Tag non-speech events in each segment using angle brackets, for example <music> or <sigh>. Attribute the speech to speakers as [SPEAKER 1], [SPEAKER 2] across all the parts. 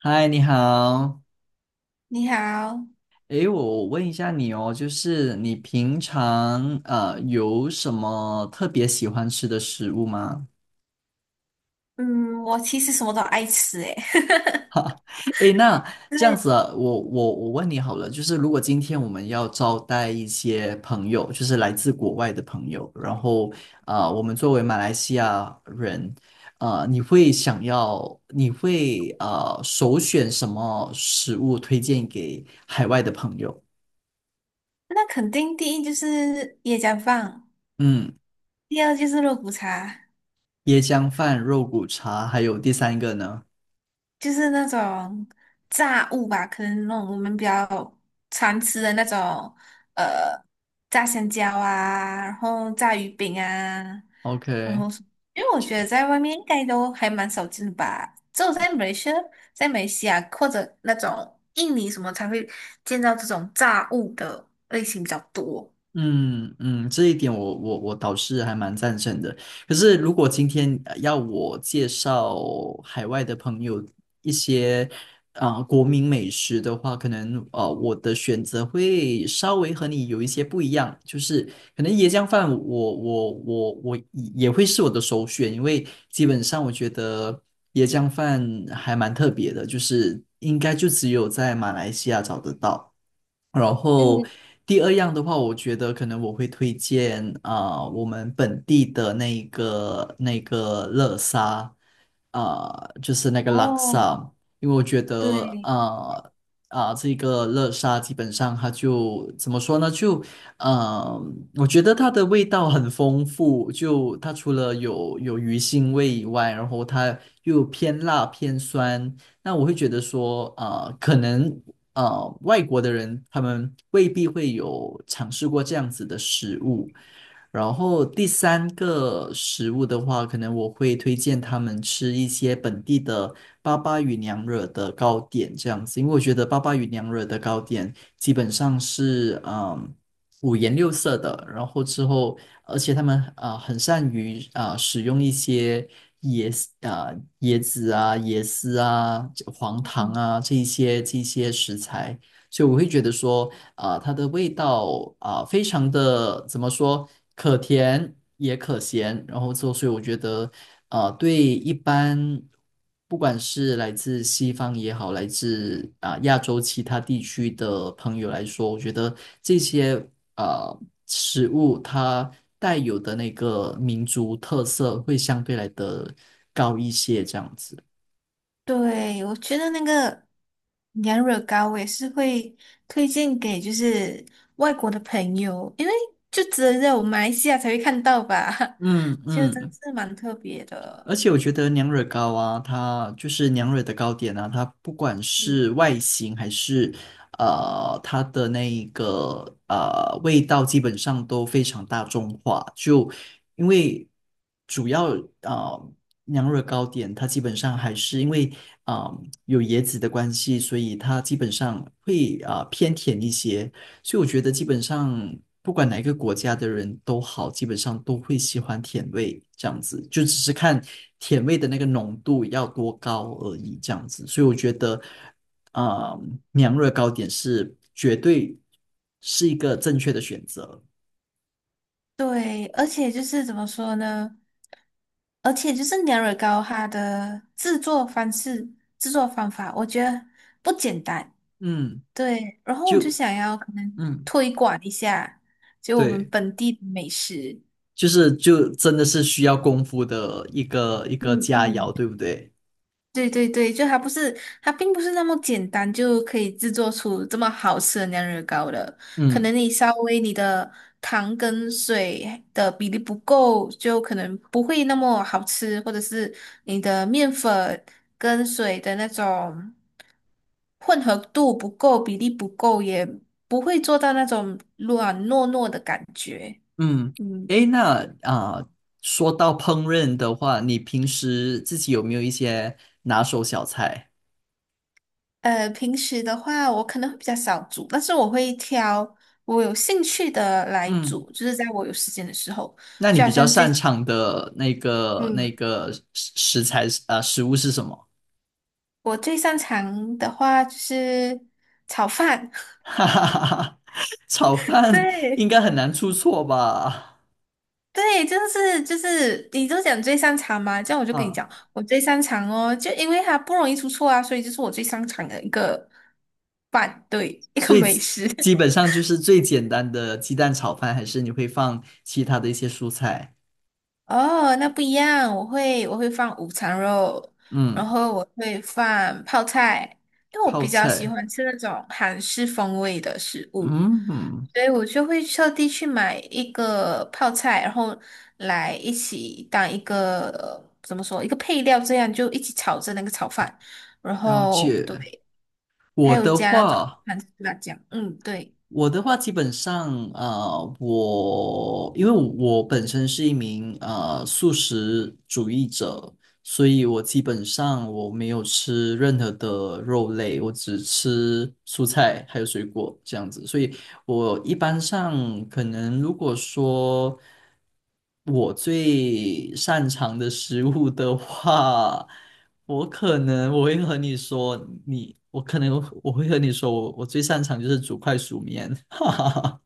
[SPEAKER 1] 嗨，你好。
[SPEAKER 2] 你好，
[SPEAKER 1] 诶，我问一下你哦，就是你平常有什么特别喜欢吃的食物吗？
[SPEAKER 2] 嗯，我其实什么都爱吃诶，<laughs>
[SPEAKER 1] <laughs> 诶，那这样
[SPEAKER 2] 对，
[SPEAKER 1] 子啊，我问你好了，就是如果今天我们要招待一些朋友，就是来自国外的朋友，然后我们作为马来西亚人，你会想要，你会首选什么食物推荐给海外的朋友？
[SPEAKER 2] 那肯定第一就是椰浆饭，
[SPEAKER 1] 嗯。
[SPEAKER 2] 第二就是肉骨茶，
[SPEAKER 1] 椰浆饭、肉骨茶，还有第三个呢
[SPEAKER 2] 就是那种炸物吧，可能那种我们比较常吃的那种，呃，炸香蕉啊，然后炸鱼饼啊，然
[SPEAKER 1] ？OK，
[SPEAKER 2] 后什因为我觉得在外面应该都还蛮少见的吧，只有在美来西亚或者那种印尼什么才会见到这种炸物的类型比较多。
[SPEAKER 1] 嗯嗯，这一点我倒是还蛮赞成的。可是如果今天要我介绍海外的朋友一些国民美食的话，可能我的选择会稍微和你有一些不一样，就是可能椰浆饭我也会是我的首选，因为基本上我觉得椰浆饭还蛮特别的，就是应该就只有在马来西亚找得到。然后
[SPEAKER 2] 嗯，
[SPEAKER 1] 第二样的话，我觉得可能我会推荐我们本地的那一个那个乐沙，啊、就是那个拉
[SPEAKER 2] 哦，
[SPEAKER 1] 萨，因为我觉得
[SPEAKER 2] 对，
[SPEAKER 1] 这个乐沙基本上它就怎么说呢？就呃，我觉得它的味道很丰富，就它除了有鱼腥味以外，然后它又偏辣偏酸。那我会觉得说，啊、可能外国的人，他们未必会有尝试过这样子的食物。然后第三个食物的话，可能我会推荐他们吃一些本地的巴巴与娘惹的糕点这样子，因为我觉得巴巴与娘惹的糕点基本上是五颜六色的，然后之后而且他们啊很善于啊使用一些椰丝啊椰子啊、椰丝啊、这黄糖啊这一些食材，所以我会觉得说，啊，它的味道啊、非常的怎么说，可甜也可咸，然后之所以我觉得，啊对一般不管是来自西方也好，来自啊、亚洲其他地区的朋友来说，我觉得这些。呃食物它带有的那个民族特色会相对来的高一些，这样子。
[SPEAKER 2] 对，我觉得那个羊惹糕我也是会推荐给就是外国的朋友，因为就只有在我们马来西亚才会看到吧，
[SPEAKER 1] 嗯
[SPEAKER 2] <laughs> 就真
[SPEAKER 1] 嗯，
[SPEAKER 2] 是蛮特别的。
[SPEAKER 1] 而且我觉得娘惹糕啊，它就是娘惹的糕点啊，它不管
[SPEAKER 2] 嗯，
[SPEAKER 1] 是外形还是它的那一个味道，基本上都非常大众化。就因为主要呃娘惹糕点，它基本上还是因为有椰子的关系，所以它基本上会偏甜一些。所以我觉得基本上不管哪一个国家的人都好，基本上都会喜欢甜味这样子，就只是看甜味的那个浓度要多高而已这样子。所以我觉得，呃，娘惹糕点是绝对是一个正确的选择。
[SPEAKER 2] 对，而且就是怎么说呢？而且就是娘惹糕它的制作方式、制作方法，我觉得不简单。
[SPEAKER 1] 嗯，
[SPEAKER 2] 对，然后我就
[SPEAKER 1] 就
[SPEAKER 2] 想要可能
[SPEAKER 1] 嗯，
[SPEAKER 2] 推广一下，就我们
[SPEAKER 1] 对，
[SPEAKER 2] 本地的美食。
[SPEAKER 1] 就是就真的是需要功夫的一个
[SPEAKER 2] 嗯
[SPEAKER 1] 佳肴，
[SPEAKER 2] 嗯。
[SPEAKER 1] 对不对？
[SPEAKER 2] 对对对，就它不是，它并不是那么简单就可以制作出这么好吃的酿热糕的。可
[SPEAKER 1] 嗯。
[SPEAKER 2] 能你稍微你的糖跟水的比例不够，就可能不会那么好吃，或者是你的面粉跟水的那种混合度不够，比例不够，也不会做到那种软糯糯的感觉。
[SPEAKER 1] 嗯，
[SPEAKER 2] 嗯。
[SPEAKER 1] 诶，那说到烹饪的话，你平时自己有没有一些拿手小菜？
[SPEAKER 2] 平时的话，我可能会比较少煮，但是我会挑我有兴趣的来
[SPEAKER 1] 嗯，
[SPEAKER 2] 煮，就是在我有时间的时候，
[SPEAKER 1] 那你
[SPEAKER 2] 就
[SPEAKER 1] 比
[SPEAKER 2] 好
[SPEAKER 1] 较
[SPEAKER 2] 像
[SPEAKER 1] 擅
[SPEAKER 2] 最，
[SPEAKER 1] 长的那个那
[SPEAKER 2] 嗯，
[SPEAKER 1] 个食材是啊、食物是什么？
[SPEAKER 2] 我最擅长的话就是炒饭，
[SPEAKER 1] <laughs> 哈哈哈哈，炒
[SPEAKER 2] <laughs>
[SPEAKER 1] 饭应
[SPEAKER 2] 对。
[SPEAKER 1] 该很难出错吧？
[SPEAKER 2] 对，就是就是，你都讲最擅长嘛，这样我就跟你
[SPEAKER 1] 啊，
[SPEAKER 2] 讲，我最擅长哦，就因为它不容易出错啊，所以就是我最擅长的一个饭，对，一个
[SPEAKER 1] 所以
[SPEAKER 2] 美
[SPEAKER 1] 基
[SPEAKER 2] 食。
[SPEAKER 1] 基
[SPEAKER 2] <laughs>
[SPEAKER 1] 本上就是最简单的鸡蛋炒饭，还是你会放其他的一些蔬菜？
[SPEAKER 2] 哦，那不一样，我会放午餐肉，然
[SPEAKER 1] 嗯，
[SPEAKER 2] 后我会放泡菜，因为我
[SPEAKER 1] 泡
[SPEAKER 2] 比较喜
[SPEAKER 1] 菜，
[SPEAKER 2] 欢吃那种韩式风味的食物，
[SPEAKER 1] 嗯，
[SPEAKER 2] 所以我就会特地去买一个泡菜，然后来一起当一个，怎么说，一个配料，这样就一起炒着那个炒饭，然
[SPEAKER 1] 了
[SPEAKER 2] 后对，
[SPEAKER 1] 解。
[SPEAKER 2] 还
[SPEAKER 1] 我
[SPEAKER 2] 有
[SPEAKER 1] 的
[SPEAKER 2] 加那种
[SPEAKER 1] 话。
[SPEAKER 2] 韩式辣酱，嗯，对，
[SPEAKER 1] 我的话，基本上，啊，我因为我本身是一名素食主义者，所以我基本上我没有吃任何的肉类，我只吃蔬菜还有水果这样子。所以我一般上可能如果说我最擅长的食物的话，我可能我会和你说，你我可能我会和你说，我最擅长就是煮快熟面，<laughs> 哈哈哈。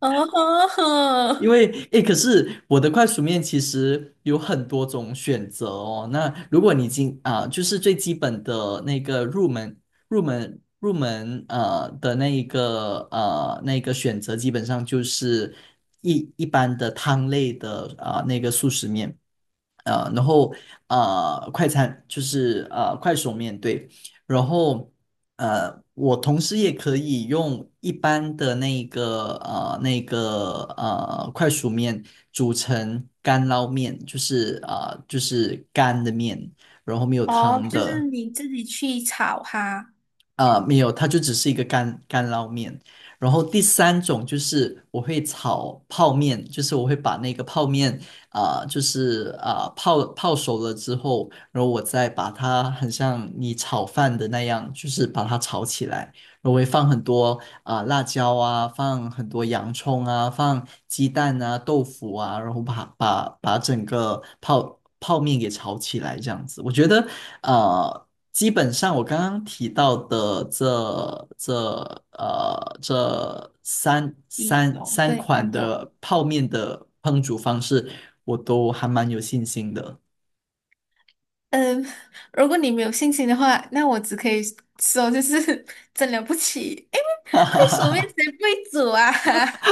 [SPEAKER 2] 哦，
[SPEAKER 1] 因为诶，可是我的快熟面其实有很多种选择哦。那如果你今啊、就是最基本的那个入门的那一个那个选择，基本上就是一般的汤类的啊、那个速食面。然后快餐就是快手面对，然后我同时也可以用一般的那个那个快熟面煮成干捞面，就是就是干的面，然后没有
[SPEAKER 2] <laughs> 哦，
[SPEAKER 1] 汤
[SPEAKER 2] 就是
[SPEAKER 1] 的，
[SPEAKER 2] 你自己去炒哈。
[SPEAKER 1] 没有，它就只是一个干捞面。然后第三种就是我会炒泡面，就是我会把那个泡面就是泡熟了之后，然后我再把它很像你炒饭的那样，就是把它炒起来。然后我会放很多辣椒啊，放很多洋葱啊，放鸡蛋啊、豆腐啊，然后把整个泡面给炒起来，这样子。我觉得呃基本上我刚刚提到的这这三
[SPEAKER 2] 一
[SPEAKER 1] 三
[SPEAKER 2] 种，
[SPEAKER 1] 三
[SPEAKER 2] 对，
[SPEAKER 1] 款
[SPEAKER 2] 三种。
[SPEAKER 1] 的泡面的烹煮方式，我都还蛮有信心的。
[SPEAKER 2] 嗯，<laughs> 如果你没有信心的话，那我只可以说就是 <laughs> 真了不起，因为快手面谁不会煮啊？<laughs>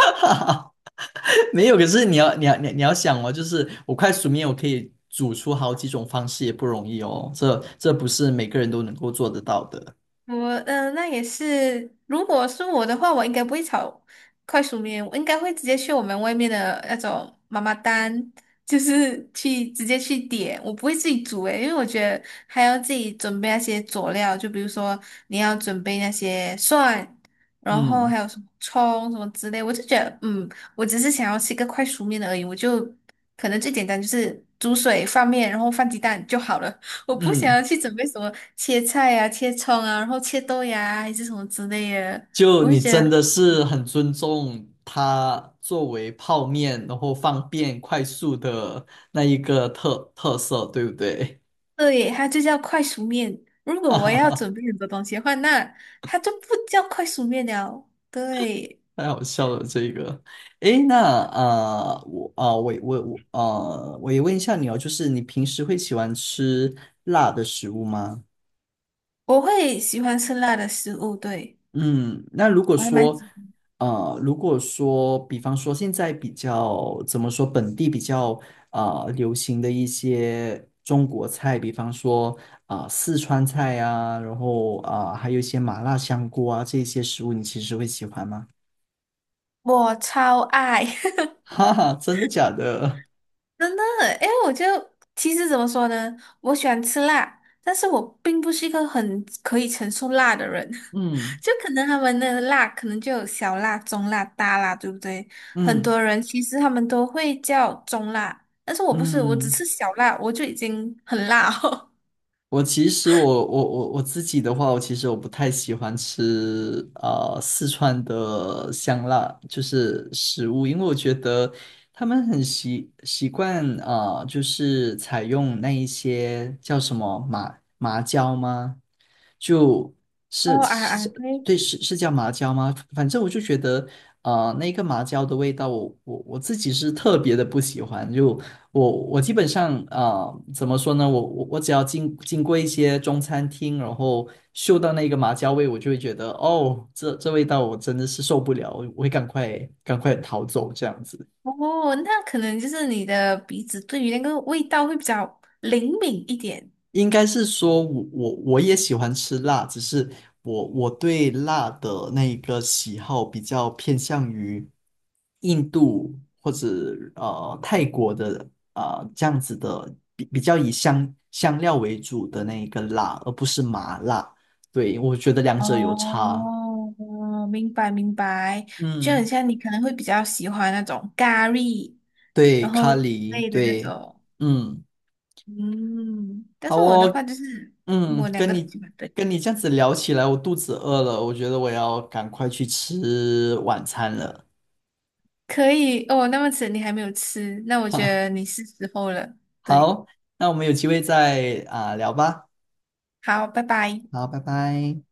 [SPEAKER 1] <laughs> 没有，可是你要想哦，就是我快速面我可以煮出好几种方式也不容易哦，这不是每个人都能够做得到的。
[SPEAKER 2] 我那也是。如果是我的话，我应该不会炒快熟面，我应该会直接去我们外面的那种妈妈档，就是去直接去点，我不会自己煮诶，因为我觉得还要自己准备那些佐料，就比如说你要准备那些蒜，然后
[SPEAKER 1] 嗯
[SPEAKER 2] 还有什么葱什么之类，我就觉得嗯，我只是想要吃一个快熟面的而已，我就可能最简单就是煮水放面，然后放鸡蛋就好了。我不想要
[SPEAKER 1] 嗯。
[SPEAKER 2] 去准备什么切菜呀、切葱啊，然后切豆芽啊还是什么之类的。
[SPEAKER 1] 就
[SPEAKER 2] 我会
[SPEAKER 1] 你
[SPEAKER 2] 觉
[SPEAKER 1] 真
[SPEAKER 2] 得，
[SPEAKER 1] 的是很尊重它作为泡面，然后方便快速的那一个特色，对不对？
[SPEAKER 2] 对，它就叫快熟面。如果我要准备很多东西的话，那它就不叫快熟面了。对，
[SPEAKER 1] <laughs> 太好笑了这个。诶，那我我也问一下你哦，就是你平时会喜欢吃辣的食物吗？
[SPEAKER 2] 我会喜欢吃辣的食物，对，
[SPEAKER 1] 嗯，那如果
[SPEAKER 2] 我还蛮，
[SPEAKER 1] 说，如果说，比方说现在比较怎么说，本地比较流行的一些中国菜，比方说四川菜啊，然后还有一些麻辣香锅啊这些食物，你其实会喜欢吗？
[SPEAKER 2] 我超爱，
[SPEAKER 1] <laughs> 哈哈，真的假的？
[SPEAKER 2] <laughs> 真的。哎，我就其实怎么说呢，我喜欢吃辣，但是我并不是一个很可以承受辣的人。
[SPEAKER 1] 嗯
[SPEAKER 2] 就可能他们的辣可能就有小辣、中辣、大辣，对不对？很
[SPEAKER 1] 嗯
[SPEAKER 2] 多人其实他们都会叫中辣，但是我不是，我只
[SPEAKER 1] 嗯。
[SPEAKER 2] 吃小辣，我就已经很辣哦。
[SPEAKER 1] 我其实我我自己的话，我其实我不太喜欢吃四川的香辣，就是食物，因为我觉得他们很习惯啊、就是采用那一些叫什么麻椒吗？就
[SPEAKER 2] <laughs>
[SPEAKER 1] 是
[SPEAKER 2] 哦啊
[SPEAKER 1] 是
[SPEAKER 2] 啊，
[SPEAKER 1] 叫
[SPEAKER 2] 对，
[SPEAKER 1] 对是是叫麻椒吗？反正我就觉得，那个麻椒的味道我，我自己是特别的不喜欢，就我基本上啊，怎么说呢？我我只要经过一些中餐厅，然后嗅到那个麻椒味，我就会觉得哦，这味道我真的是受不了，我会赶快逃走这样子。
[SPEAKER 2] 哦，那可能就是你的鼻子对于那个味道会比较灵敏一点。
[SPEAKER 1] 应该是说我我也喜欢吃辣，只是我对辣的那个喜好比较偏向于印度或者泰国的这样子的，比较以香料为主的那一个辣，而不是麻辣。对，我觉得两者有差。
[SPEAKER 2] 哦，明白明白，就很
[SPEAKER 1] 嗯，
[SPEAKER 2] 像你可能会比较喜欢那种咖喱，
[SPEAKER 1] 对，
[SPEAKER 2] 然后
[SPEAKER 1] 咖喱，
[SPEAKER 2] 类的那
[SPEAKER 1] 对，
[SPEAKER 2] 种，
[SPEAKER 1] 嗯，
[SPEAKER 2] 嗯，但
[SPEAKER 1] 好
[SPEAKER 2] 是我的
[SPEAKER 1] 哦，
[SPEAKER 2] 话就是
[SPEAKER 1] 嗯，
[SPEAKER 2] 我两个都喜欢对。
[SPEAKER 1] 跟你这样子聊起来，我肚子饿了，我觉得我要赶快去吃晚餐了。
[SPEAKER 2] 可以哦，那么迟你还没有吃，那我
[SPEAKER 1] <laughs>
[SPEAKER 2] 觉
[SPEAKER 1] 哈，
[SPEAKER 2] 得你是时候了。对，
[SPEAKER 1] 好，那我们有机会再啊、聊吧。
[SPEAKER 2] 好，拜拜。
[SPEAKER 1] 好，拜拜。